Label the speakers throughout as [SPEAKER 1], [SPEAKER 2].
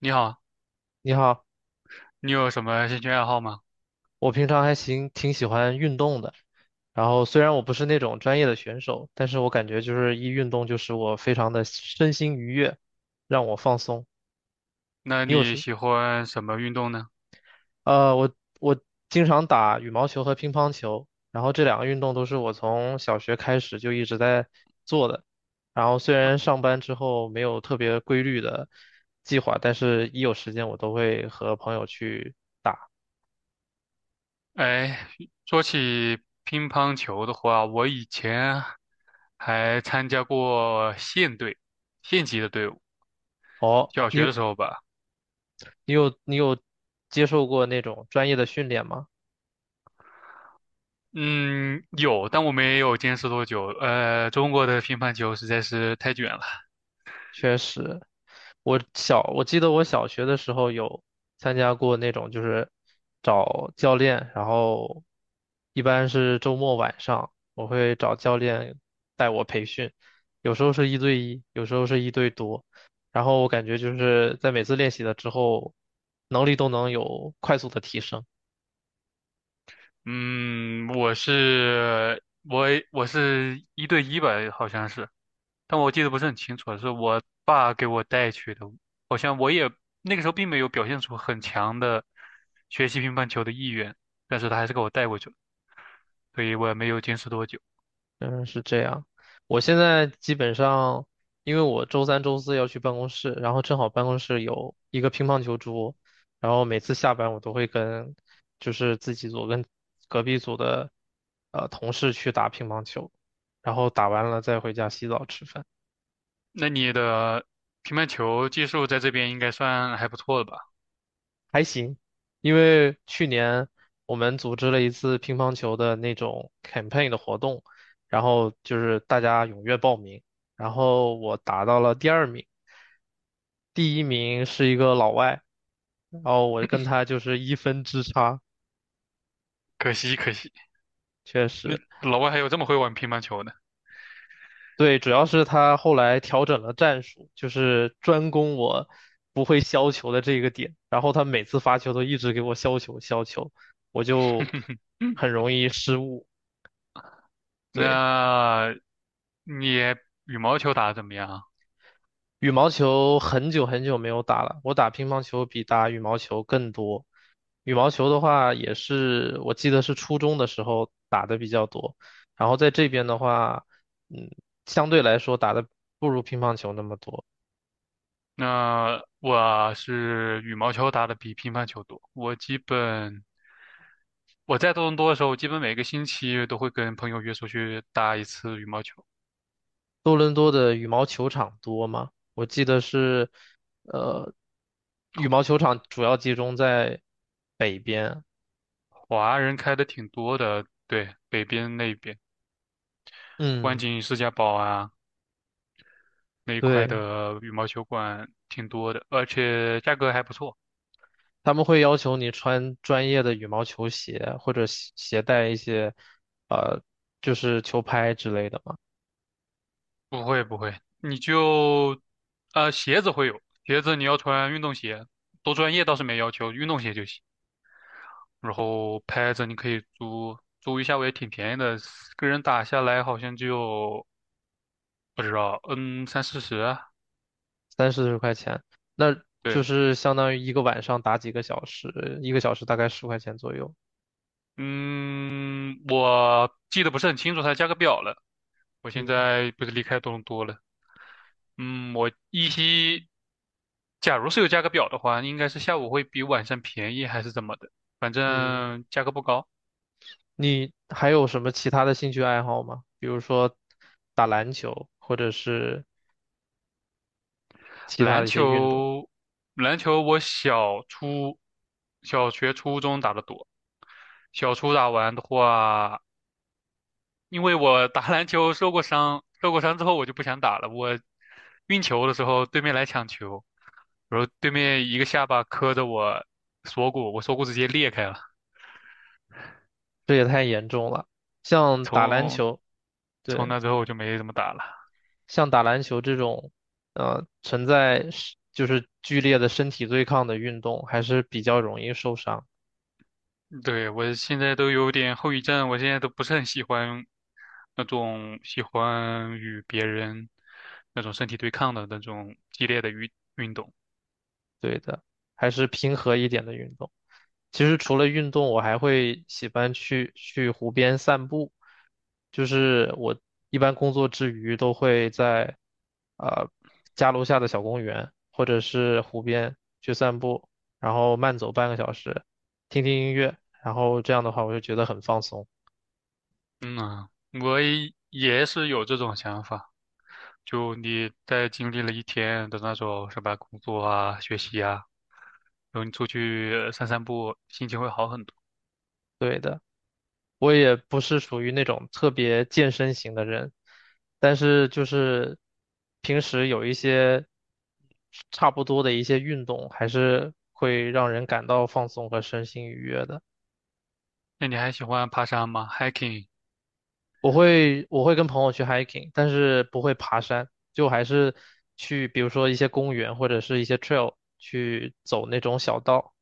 [SPEAKER 1] 你好，
[SPEAKER 2] 你好，
[SPEAKER 1] 你有什么兴趣爱好吗？
[SPEAKER 2] 我平常还行，挺喜欢运动的。然后虽然我不是那种专业的选手，但是我感觉就是一运动就使我非常的身心愉悦，让我放松。
[SPEAKER 1] 那
[SPEAKER 2] 你有
[SPEAKER 1] 你
[SPEAKER 2] 时，
[SPEAKER 1] 喜欢什么运动呢？
[SPEAKER 2] 呃，我我经常打羽毛球和乒乓球，然后这两个运动都是我从小学开始就一直在做的。然后虽然上班之后没有特别规律的计划，但是一有时间我都会和朋友去。
[SPEAKER 1] 哎，说起乒乓球的话，我以前还参加过县队、县级的队伍，
[SPEAKER 2] 哦，
[SPEAKER 1] 小学
[SPEAKER 2] 你
[SPEAKER 1] 的时候吧。
[SPEAKER 2] 你有接受过那种专业的训练吗？
[SPEAKER 1] 嗯，有，但我没有坚持多久。中国的乒乓球实在是太卷了。
[SPEAKER 2] 确实，我记得我小学的时候有参加过那种，就是找教练，然后一般是周末晚上，我会找教练带我培训，有时候是一对一，有时候是一对多，然后我感觉就是在每次练习了之后，能力都能有快速的提升。
[SPEAKER 1] 嗯，我是我是一对一吧，好像是。但我记得不是很清楚了，是我爸给我带去的。好像我也那个时候并没有表现出很强的学习乒乓球的意愿，但是他还是给我带过去了，所以我也没有坚持多久。
[SPEAKER 2] 嗯，是这样。我现在基本上，因为我周三、周四要去办公室，然后正好办公室有一个乒乓球桌，然后每次下班我都会跟，就是自己组跟隔壁组的同事去打乒乓球，然后打完了再回家洗澡吃饭。
[SPEAKER 1] 那你的乒乓球技术在这边应该算还不错了吧？
[SPEAKER 2] 还行，因为去年我们组织了一次乒乓球的那种 campaign 的活动，然后就是大家踊跃报名，然后我达到了第二名，第一名是一个老外，然后我跟他就是一分之差，
[SPEAKER 1] 可惜可惜，
[SPEAKER 2] 确
[SPEAKER 1] 那
[SPEAKER 2] 实。
[SPEAKER 1] 老外还有这么会玩乒乓球的。
[SPEAKER 2] 对，主要是他后来调整了战术，就是专攻我不会削球的这个点，然后他每次发球都一直给我削球削球，我就
[SPEAKER 1] 嗯，
[SPEAKER 2] 很容易失误。对，
[SPEAKER 1] 那你羽毛球打得怎么样啊？
[SPEAKER 2] 羽毛球很久很久没有打了，我打乒乓球比打羽毛球更多。羽毛球的话，也是我记得是初中的时候打的比较多，然后在这边的话，嗯，相对来说打的不如乒乓球那么多。
[SPEAKER 1] 那我是羽毛球打得比乒乓球多，我基本。我在多伦多的时候，基本每个星期都会跟朋友约出去打一次羽毛球。
[SPEAKER 2] 多伦多的羽毛球场多吗？我记得是，呃，羽毛球场主要集中在北边。
[SPEAKER 1] 华人开的挺多的，对，北边那边，湾
[SPEAKER 2] 嗯，
[SPEAKER 1] 景世家堡啊那一块
[SPEAKER 2] 对。
[SPEAKER 1] 的羽毛球馆挺多的，而且价格还不错。
[SPEAKER 2] 他们会要求你穿专业的羽毛球鞋，或者携带一些，呃，就是球拍之类的嘛，
[SPEAKER 1] 不会不会，你就，鞋子会有，鞋子你要穿运动鞋，多专业倒是没要求，运动鞋就行。然后拍子你可以租，租一下我也挺便宜的，个人打下来好像就不知道，嗯，三四十，
[SPEAKER 2] 三四十块钱，那就
[SPEAKER 1] 对，
[SPEAKER 2] 是相当于一个晚上打几个小时，一个小时大概十块钱左右。
[SPEAKER 1] 嗯，我记得不是很清楚它的价格表了。我现
[SPEAKER 2] 嗯
[SPEAKER 1] 在不是离开多伦多了，嗯，我依稀，假如是有价格表的话，应该是下午会比晚上便宜还是怎么的，反
[SPEAKER 2] 嗯，
[SPEAKER 1] 正价格不高。
[SPEAKER 2] 你还有什么其他的兴趣爱好吗？比如说打篮球，或者是其他
[SPEAKER 1] 篮
[SPEAKER 2] 的一些运动，
[SPEAKER 1] 球，篮球我小初、小学、初中打的多，小初打完的话，因为我打篮球受过伤，受过伤之后我就不想打了。我运球的时候，对面来抢球。然后对面一个下巴磕着我锁骨，我锁骨直接裂开了。
[SPEAKER 2] 这也太严重了。像打篮
[SPEAKER 1] 从
[SPEAKER 2] 球，
[SPEAKER 1] 从
[SPEAKER 2] 对。
[SPEAKER 1] 那之后我就没怎么打了。
[SPEAKER 2] 像打篮球这种，存在是就是剧烈的身体对抗的运动，还是比较容易受伤。
[SPEAKER 1] 对，我现在都有点后遗症，我现在都不是很喜欢那种喜欢与别人那种身体对抗的那种激烈的运动。
[SPEAKER 2] 对的，还是平和一点的运动。其实除了运动，我还会喜欢去湖边散步。就是我一般工作之余都会在呃家楼下的小公园或者是湖边去散步，然后慢走半个小时，听听音乐，然后这样的话我就觉得很放松。
[SPEAKER 1] 嗯啊，我也也是有这种想法。就你在经历了一天的那种什么工作啊、学习啊，然后你出去散散步，心情会好很多。
[SPEAKER 2] 对的。我也不是属于那种特别健身型的人，但是就是平时有一些差不多的一些运动，还是会让人感到放松和身心愉悦的。
[SPEAKER 1] 那你还喜欢爬山吗？hiking？
[SPEAKER 2] 我会跟朋友去 hiking，但是不会爬山，就还是去比如说一些公园或者是一些 trail 去走那种小道。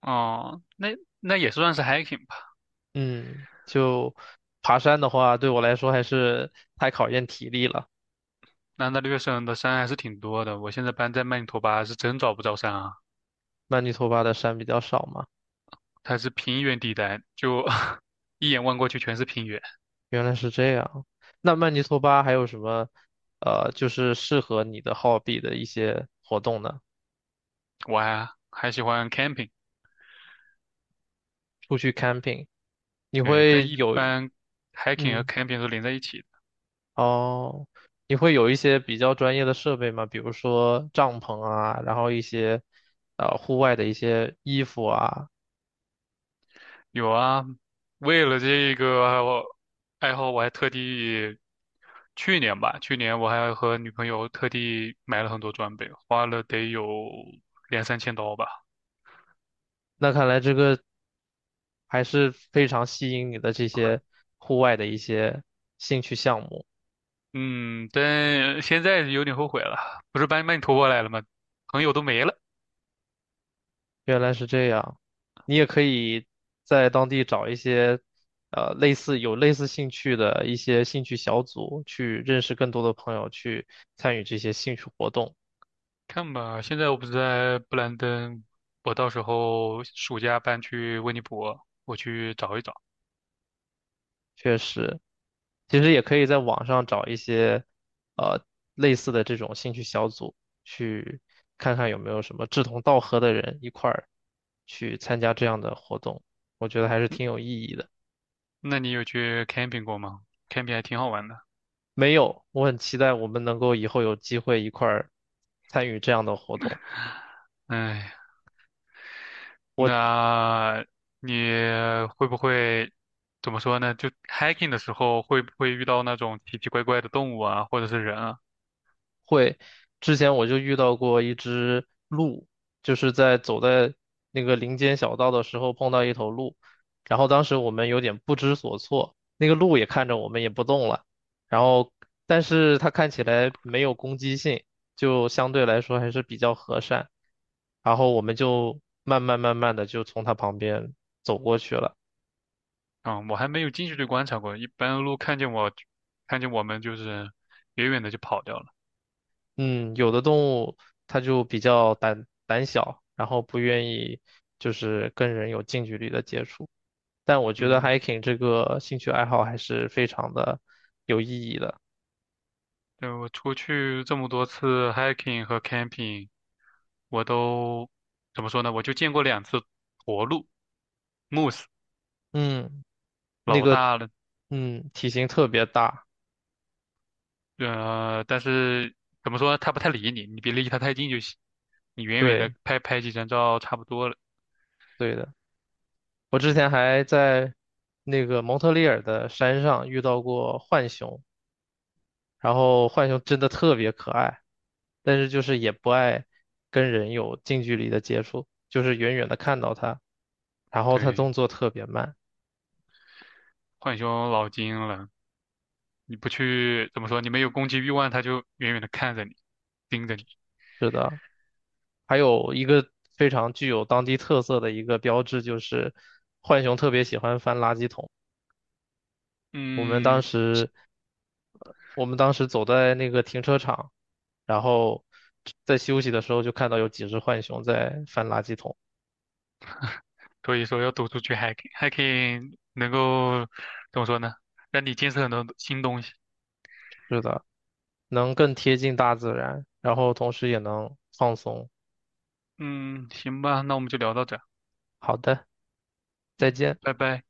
[SPEAKER 1] 哦，那那也算是 hiking 吧。
[SPEAKER 2] 嗯，就爬山的话，对我来说还是太考验体力了。
[SPEAKER 1] 那大略省的山还是挺多的。我现在搬在曼尼托巴，是真找不着山啊，
[SPEAKER 2] 曼尼托巴的山比较少嘛。
[SPEAKER 1] 它是平原地带，就 一眼望过去全是平原。
[SPEAKER 2] 原来是这样。那曼尼托巴还有什么，就是适合你的 hobby 的一些活动呢？
[SPEAKER 1] 我还还喜欢 camping，
[SPEAKER 2] 出去 camping，你
[SPEAKER 1] 对，但
[SPEAKER 2] 会
[SPEAKER 1] 一
[SPEAKER 2] 有，
[SPEAKER 1] 般 hiking 和
[SPEAKER 2] 嗯，
[SPEAKER 1] camping 都连在一起的。
[SPEAKER 2] 哦，你会有一些比较专业的设备吗？比如说帐篷啊，然后一些，户外的一些衣服啊。
[SPEAKER 1] 有啊，为了这个我爱好，我还特地去年吧，去年我还和女朋友特地买了很多装备，花了得有两三千刀吧。
[SPEAKER 2] 那看来这个还是非常吸引你的这些户外的一些兴趣项目。
[SPEAKER 1] 嗯，但现在有点后悔了，不是把你把你拖过来了吗？朋友都没了，
[SPEAKER 2] 原来是这样，你也可以在当地找一些，类似兴趣的一些兴趣小组，去认识更多的朋友，去参与这些兴趣活动。
[SPEAKER 1] 看吧，现在我不是在布兰登，我到时候暑假搬去温尼伯，我去找一找。
[SPEAKER 2] 确实，其实也可以在网上找一些，呃，类似的这种兴趣小组，去看看有没有什么志同道合的人一块儿去参加这样的活动，我觉得还是挺有意义的。
[SPEAKER 1] 那你有去 camping 过吗？camping 还挺好玩的。
[SPEAKER 2] 没有，我很期待我们能够以后有机会一块儿参与这样的活动。
[SPEAKER 1] 哎，那你会不会怎么说呢？就 hiking 的时候会不会遇到那种奇奇怪怪的动物啊，或者是人啊？
[SPEAKER 2] 会，之前我就遇到过一只鹿，就是走在那个林间小道的时候碰到一头鹿，然后当时我们有点不知所措，那个鹿也看着我们也不动了，然后但是它看起来没有攻击性，就相对来说还是比较和善，然后我们就慢慢慢慢的就从它旁边走过去了。
[SPEAKER 1] 嗯，我还没有近距离观察过，一般鹿看见我，看见我们就是远远的就跑掉了。
[SPEAKER 2] 嗯，有的动物它就比较胆小，然后不愿意就是跟人有近距离的接触。但我觉得
[SPEAKER 1] 嗯，
[SPEAKER 2] hiking 这个兴趣爱好还是非常的有意义的。
[SPEAKER 1] 对，我出去这么多次 hiking 和 camping，我都怎么说呢？我就见过两次驼鹿 moose，
[SPEAKER 2] 嗯，那
[SPEAKER 1] 老
[SPEAKER 2] 个，
[SPEAKER 1] 大了，
[SPEAKER 2] 嗯，体型特别大，
[SPEAKER 1] 但是怎么说呢？它不太理你，你别离它太近就行，你远远的
[SPEAKER 2] 对，
[SPEAKER 1] 拍拍几张照差不多了。
[SPEAKER 2] 对的。我之前还在那个蒙特利尔的山上遇到过浣熊，然后浣熊真的特别可爱，但是就是也不爱跟人有近距离的接触，就是远远的看到它，然后它
[SPEAKER 1] 对，
[SPEAKER 2] 动作特别慢。
[SPEAKER 1] 浣熊老精了，你不去怎么说？你没有攻击欲望，它就远远的看着你，盯着你。
[SPEAKER 2] 是的，还有一个非常具有当地特色的一个标志就是浣熊特别喜欢翻垃圾桶。我们当
[SPEAKER 1] 嗯，
[SPEAKER 2] 时，我们当时走在那个停车场，然后在休息的时候就看到有几只浣熊在翻垃圾桶。
[SPEAKER 1] 所以说要走出去 hiking，hiking 能够怎么说呢？让你见识很多新东西。
[SPEAKER 2] 是的，能更贴近大自然，然后同时也能放松。
[SPEAKER 1] 嗯，行吧，那我们就聊到这儿。
[SPEAKER 2] 好的，再
[SPEAKER 1] 嗯，
[SPEAKER 2] 见。
[SPEAKER 1] 拜拜。